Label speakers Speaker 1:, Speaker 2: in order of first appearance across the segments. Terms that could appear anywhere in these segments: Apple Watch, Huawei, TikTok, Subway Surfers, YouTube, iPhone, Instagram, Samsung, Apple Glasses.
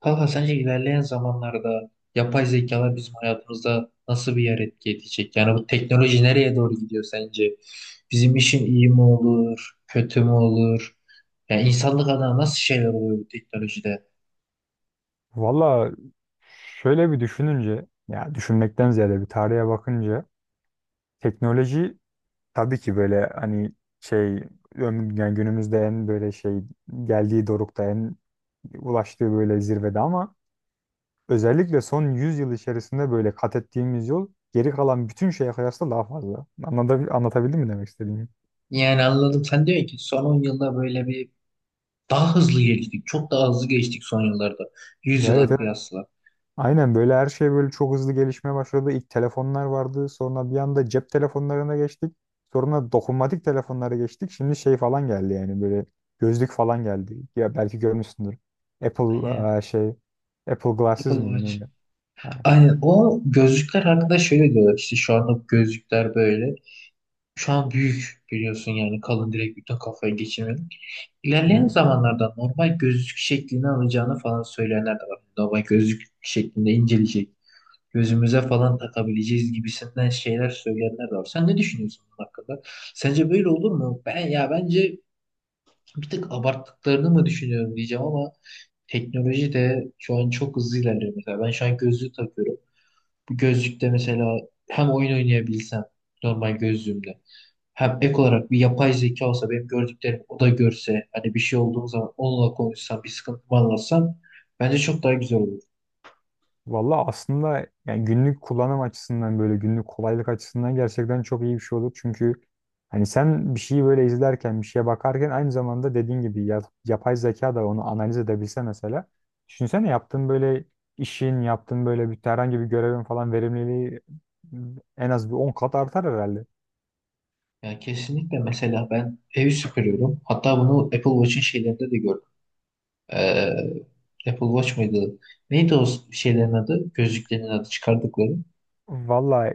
Speaker 1: Kanka sence ilerleyen zamanlarda yapay zekalar bizim hayatımızda nasıl bir yer etki edecek? Yani bu teknoloji nereye doğru gidiyor sence? Bizim işim iyi mi olur, kötü mü olur? Yani insanlık adına nasıl şeyler oluyor bu teknolojide?
Speaker 2: Valla, şöyle bir düşününce, ya düşünmekten ziyade bir tarihe bakınca teknoloji tabii ki böyle hani şey yani günümüzde en böyle şey geldiği dorukta en ulaştığı böyle zirvede, ama özellikle son 100 yıl içerisinde böyle kat ettiğimiz yol geri kalan bütün şeye kıyasla daha fazla. Anlatabildim mi demek istediğimi?
Speaker 1: Yani anladım, sen diyorsun ki son 10 yılda böyle bir daha hızlı geliştik. Çok daha hızlı geçtik son yıllarda. 100
Speaker 2: Evet.
Speaker 1: yıla kıyasla.
Speaker 2: Aynen, böyle her şey böyle çok hızlı gelişmeye başladı. İlk telefonlar vardı. Sonra bir anda cep telefonlarına geçtik. Sonra dokunmatik telefonlara geçtik. Şimdi şey falan geldi, yani böyle gözlük falan geldi. Ya belki görmüşsündür. Apple
Speaker 1: Yani
Speaker 2: eee, şey Apple
Speaker 1: Apple
Speaker 2: Glasses mi
Speaker 1: Watch.
Speaker 2: neydi? Ha.
Speaker 1: Aynen, o gözlükler hakkında şöyle diyorlar: İşte şu anda bu gözlükler böyle. Şu an büyük biliyorsun, yani kalın, direkt bütün kafayı geçirmedik. İlerleyen
Speaker 2: Hı.
Speaker 1: zamanlarda normal gözlük şeklini alacağını falan söyleyenler de var. Normal gözlük şeklinde inceleyecek. Gözümüze falan takabileceğiz gibisinden şeyler söyleyenler de var. Sen ne düşünüyorsun bunun hakkında? Sence böyle olur mu? Ben, ya bence bir tık abarttıklarını mı düşünüyorum diyeceğim ama teknoloji de şu an çok hızlı ilerliyor. Mesela ben şu an gözlüğü takıyorum. Bu gözlükte mesela hem oyun oynayabilsem normal gözlüğümle, hem ek olarak bir yapay zeka olsa, benim gördüklerimi o da görse, hani bir şey olduğu zaman onunla konuşsam, bir sıkıntımı anlatsam bence çok daha güzel olur.
Speaker 2: Valla, aslında yani günlük kullanım açısından, böyle günlük kolaylık açısından gerçekten çok iyi bir şey olur. Çünkü hani sen bir şeyi böyle izlerken, bir şeye bakarken, aynı zamanda dediğin gibi yapay zeka da onu analiz edebilse mesela. Düşünsene, yaptığın böyle işin, yaptığın böyle bir herhangi bir görevin falan verimliliği en az bir 10 kat artar herhalde.
Speaker 1: Yani kesinlikle. Mesela ben evi süpürüyorum. Hatta bunu Apple Watch'in şeylerinde de gördüm. Apple Watch mıydı? Neydi o şeylerin adı? Gözlüklerin adı çıkardıkları.
Speaker 2: Valla,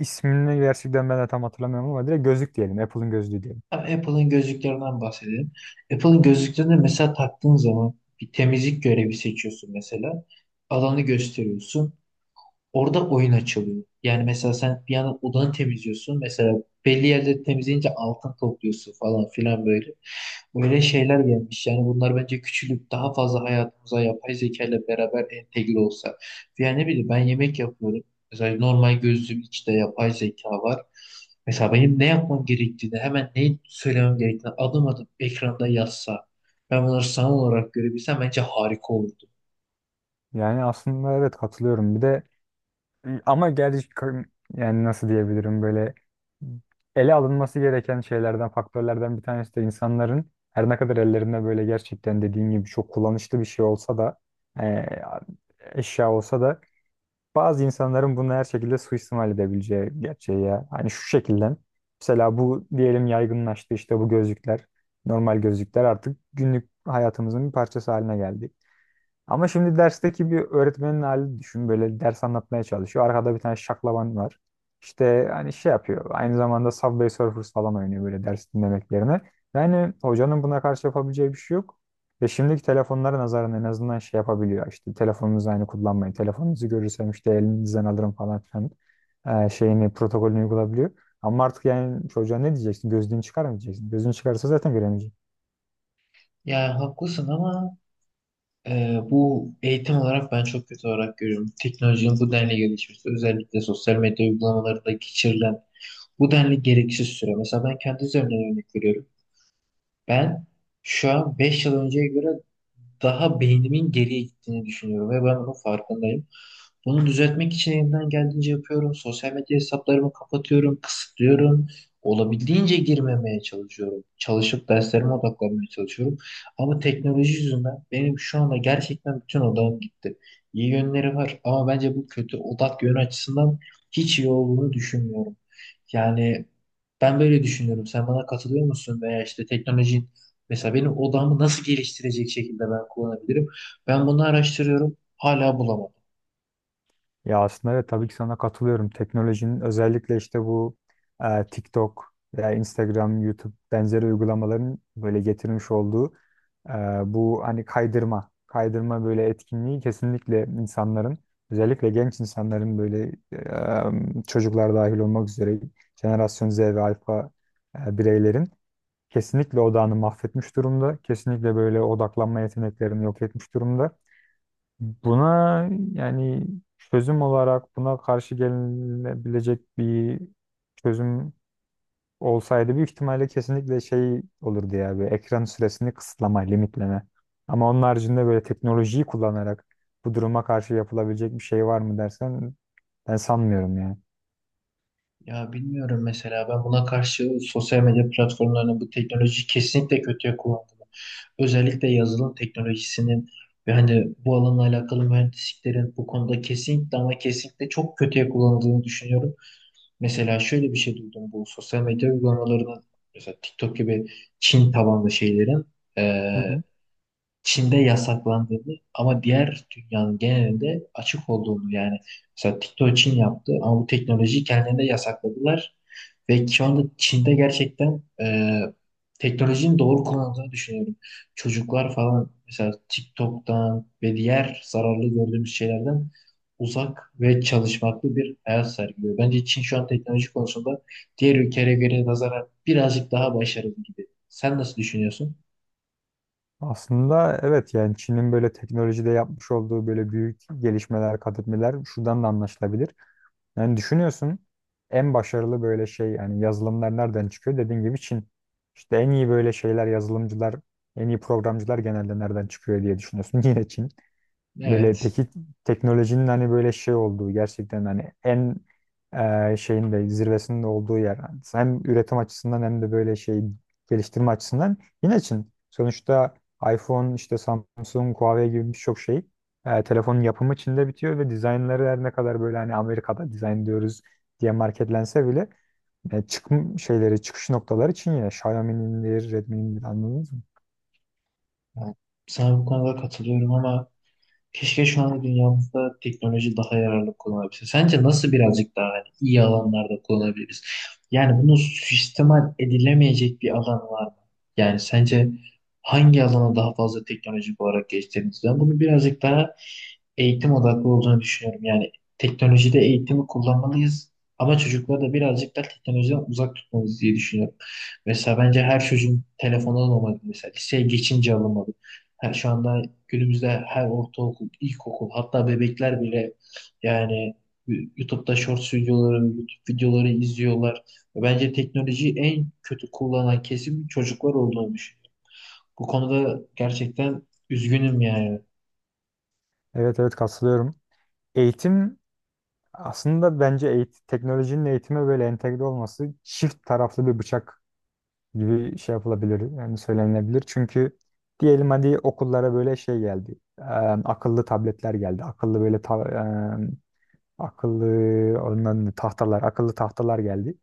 Speaker 2: ismini gerçekten ben de tam hatırlamıyorum ama direkt gözlük diyelim. Apple'ın gözlüğü diyelim.
Speaker 1: Ha, Apple'ın gözlüklerinden bahsedelim. Apple'ın gözlüklerini mesela taktığın zaman bir temizlik görevi seçiyorsun mesela. Alanı gösteriyorsun. Orada oyun açılıyor. Yani mesela sen bir yandan odanı temizliyorsun. Mesela belli yerleri temizleyince altın topluyorsun falan filan böyle. Böyle şeyler gelmiş. Yani bunlar bence küçülüp daha fazla hayatımıza yapay zeka ile beraber entegre olsa. Yani ne bileyim, ben yemek yapıyorum. Mesela normal gözlüğün içinde yapay zeka var. Mesela benim ne yapmam gerektiğini, hemen neyi söylemem gerektiğini adım adım ekranda yazsa, ben bunları sanal olarak görebilsem bence harika olurdu.
Speaker 2: Yani aslında evet, katılıyorum. Bir de, ama gerçi, yani nasıl diyebilirim, böyle ele alınması gereken şeylerden, faktörlerden bir tanesi de insanların her ne kadar ellerinde böyle gerçekten dediğin gibi çok kullanışlı bir şey olsa da e, eşya olsa da, bazı insanların bunu her şekilde suistimal edebileceği gerçeği ya. Hani şu şekilde, mesela bu diyelim yaygınlaştı, işte bu gözlükler, normal gözlükler artık günlük hayatımızın bir parçası haline geldi. Ama şimdi dersteki bir öğretmenin halini düşün. Böyle ders anlatmaya çalışıyor. Arkada bir tane şaklaban var. İşte hani şey yapıyor. Aynı zamanda Subway Surfers falan oynuyor, böyle ders dinlemek yerine. Yani hocanın buna karşı yapabileceği bir şey yok. Ve şimdiki telefonlara nazaran en azından şey yapabiliyor. İşte telefonunuzu aynı kullanmayın, telefonunuzu görürsem işte elinizden alırım falan filan şeyini, protokolünü uygulayabiliyor. Ama artık yani çocuğa ne diyeceksin? Gözlüğünü çıkar mı diyeceksin? Gözlüğünü çıkarırsa zaten göremeyecek.
Speaker 1: Ya haklısın ama bu eğitim olarak ben çok kötü olarak görüyorum. Teknolojinin bu denli gelişmesi, özellikle sosyal medya uygulamalarında geçirilen bu denli gereksiz süre. Mesela ben kendi üzerimden örnek veriyorum. Ben şu an 5 yıl önceye göre daha beynimin geriye gittiğini düşünüyorum ve ben bunun farkındayım. Bunu düzeltmek için elimden geldiğince yapıyorum. Sosyal medya hesaplarımı kapatıyorum, kısıtlıyorum. Olabildiğince girmemeye çalışıyorum. Çalışıp derslerime odaklanmaya çalışıyorum. Ama teknoloji yüzünden benim şu anda gerçekten bütün odağım gitti. İyi yönleri var ama bence bu kötü odak yönü açısından hiç iyi olduğunu düşünmüyorum. Yani ben böyle düşünüyorum. Sen bana katılıyor musun? Veya işte teknolojinin mesela benim odamı nasıl geliştirecek şekilde ben kullanabilirim? Ben bunu araştırıyorum. Hala bulamam.
Speaker 2: Ya aslında evet, tabii ki sana katılıyorum. Teknolojinin, özellikle işte bu TikTok veya Instagram, YouTube benzeri uygulamaların böyle getirmiş olduğu e, bu hani kaydırma, kaydırma böyle etkinliği kesinlikle insanların, özellikle genç insanların, böyle çocuklar dahil olmak üzere, jenerasyon Z ve alfa bireylerin kesinlikle odağını mahvetmiş durumda. Kesinlikle böyle odaklanma yeteneklerini yok etmiş durumda. Buna, yani çözüm olarak buna karşı gelinebilecek bir çözüm olsaydı, büyük ihtimalle kesinlikle şey olurdu ya, bir ekran süresini kısıtlama, limitleme. Ama onun haricinde böyle teknolojiyi kullanarak bu duruma karşı yapılabilecek bir şey var mı dersen, ben sanmıyorum yani.
Speaker 1: Ya bilmiyorum, mesela ben buna karşı sosyal medya platformlarının bu teknolojiyi kesinlikle kötüye kullandığını, özellikle yazılım teknolojisinin ve hani bu alanla alakalı mühendisliklerin bu konuda kesinlikle ama kesinlikle çok kötüye kullanıldığını düşünüyorum. Mesela şöyle bir şey duydum, bu sosyal medya uygulamalarının, mesela TikTok gibi Çin tabanlı şeylerin,
Speaker 2: Hı
Speaker 1: eee,
Speaker 2: hı.
Speaker 1: Çin'de yasaklandığını ama diğer dünyanın genelinde açık olduğunu. Yani mesela TikTok Çin yaptı ama bu teknolojiyi kendilerine yasakladılar. Ve şu anda Çin'de gerçekten teknolojinin doğru kullanıldığını düşünüyorum. Çocuklar falan mesela TikTok'tan ve diğer zararlı gördüğümüz şeylerden uzak ve çalışmaklı bir hayat sergiliyor. Bence Çin şu an teknoloji konusunda diğer ülkelere göre nazaran birazcık daha başarılı gibi. Sen nasıl düşünüyorsun?
Speaker 2: Aslında evet, yani Çin'in böyle teknolojide yapmış olduğu böyle büyük gelişmeler, kat etmeler şuradan da anlaşılabilir. Yani düşünüyorsun, en başarılı böyle şey, yani yazılımlar nereden çıkıyor? Dediğin gibi Çin. İşte en iyi böyle şeyler, yazılımcılar, en iyi programcılar genelde nereden çıkıyor diye düşünüyorsun. Yine Çin. Böyle
Speaker 1: Evet.
Speaker 2: peki, teknolojinin hani böyle şey olduğu, gerçekten hani en şeyin de zirvesinin de olduğu yer. Yani hem üretim açısından, hem de böyle şey geliştirme açısından, yine Çin. Sonuçta iPhone, işte Samsung, Huawei gibi birçok şey telefonun yapımı Çin'de bitiyor ve dizaynları her ne kadar böyle hani Amerika'da dizayn diyoruz diye marketlense bile çıkım şeyleri, çıkış noktaları Çin yine. Xiaomi'nindir, Redmi'nindir, anladınız mı?
Speaker 1: Yani sana bu konuda katılıyorum ama keşke şu anda dünyamızda teknoloji daha yararlı kullanabilse. Sence nasıl birazcık daha hani iyi alanlarda kullanabiliriz? Yani bunu suistimal edilemeyecek bir alan var mı? Yani sence hangi alana daha fazla teknolojik olarak geçtiğimiz? Ben bunu birazcık daha eğitim odaklı olduğunu düşünüyorum. Yani teknolojide eğitimi kullanmalıyız ama çocukları da birazcık da teknolojiden uzak tutmalıyız diye düşünüyorum. Mesela bence her çocuğun telefonu alınmalı. Mesela liseye geçince alınmalı. Her, şu anda günümüzde her ortaokul, ilkokul, hatta bebekler bile, yani YouTube'da shorts videoları, YouTube videoları izliyorlar. Bence teknolojiyi en kötü kullanan kesim çocuklar olduğunu düşünüyorum. Bu konuda gerçekten üzgünüm yani.
Speaker 2: Evet, evet, katılıyorum. Eğitim. Aslında bence eğit teknolojinin eğitime böyle entegre olması çift taraflı bir bıçak gibi şey yapılabilir, yani söylenilebilir. Çünkü diyelim hadi okullara böyle şey geldi. Eee, akıllı tabletler geldi. Akıllı böyle akıllı onların tahtalar, akıllı tahtalar geldi.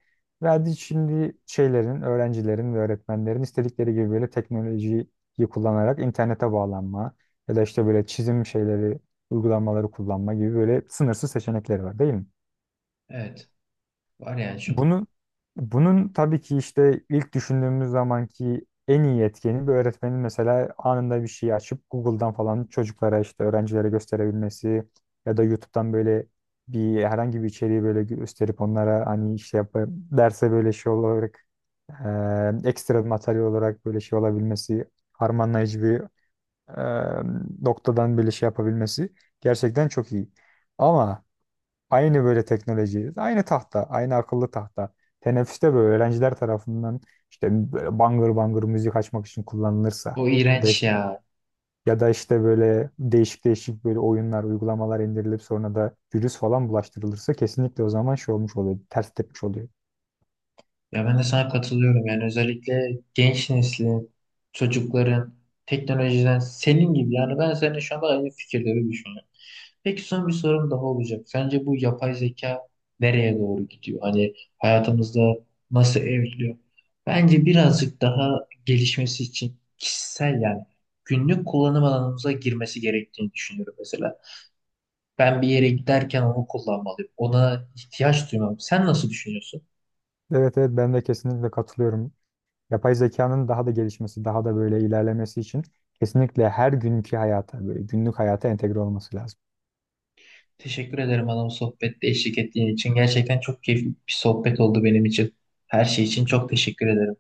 Speaker 2: Ve hadi şimdi şeylerin, öğrencilerin ve öğretmenlerin istedikleri gibi böyle teknolojiyi kullanarak internete bağlanma, ya da işte böyle çizim şeyleri, uygulamaları kullanma gibi böyle sınırsız seçenekleri var, değil mi?
Speaker 1: Evet. Var yani şu.
Speaker 2: Bunu, bunun tabii ki işte ilk düşündüğümüz zamanki en iyi etkeni, bir öğretmenin mesela anında bir şeyi açıp Google'dan falan çocuklara, işte öğrencilere gösterebilmesi, ya da YouTube'dan böyle bir herhangi bir içeriği böyle gösterip onlara hani işte yap derse böyle şey olarak ekstra bir materyal olarak böyle şey olabilmesi, harmanlayıcı bir noktadan böyle şey yapabilmesi gerçekten çok iyi. Ama aynı böyle teknoloji, aynı tahta, aynı akıllı tahta. Teneffüste böyle öğrenciler tarafından işte böyle bangır bangır müzik açmak için kullanılırsa,
Speaker 1: O
Speaker 2: ya da
Speaker 1: iğrenç
Speaker 2: işte,
Speaker 1: ya.
Speaker 2: ya da işte böyle değişik değişik böyle oyunlar, uygulamalar indirilip sonra da virüs falan bulaştırılırsa, kesinlikle o zaman şey olmuş oluyor, ters tepmiş oluyor.
Speaker 1: Ya ben de sana katılıyorum. Yani özellikle genç neslin, çocukların teknolojiden, senin gibi yani, ben seninle şu anda aynı fikirleri düşünüyorum. Peki son bir sorum daha olacak. Sence bu yapay zeka nereye doğru gidiyor? Hani hayatımızda nasıl evriliyor? Bence birazcık daha gelişmesi için kişisel yani günlük kullanım alanımıza girmesi gerektiğini düşünüyorum mesela. Ben bir yere giderken onu kullanmalıyım. Ona ihtiyaç duymam. Sen nasıl düşünüyorsun?
Speaker 2: Evet, evet, ben de kesinlikle katılıyorum. Yapay zekanın daha da gelişmesi, daha da böyle ilerlemesi için kesinlikle her günkü hayata, böyle günlük hayata entegre olması lazım.
Speaker 1: Teşekkür ederim bana bu sohbette eşlik ettiğin için. Gerçekten çok keyifli bir sohbet oldu benim için. Her şey için çok teşekkür ederim.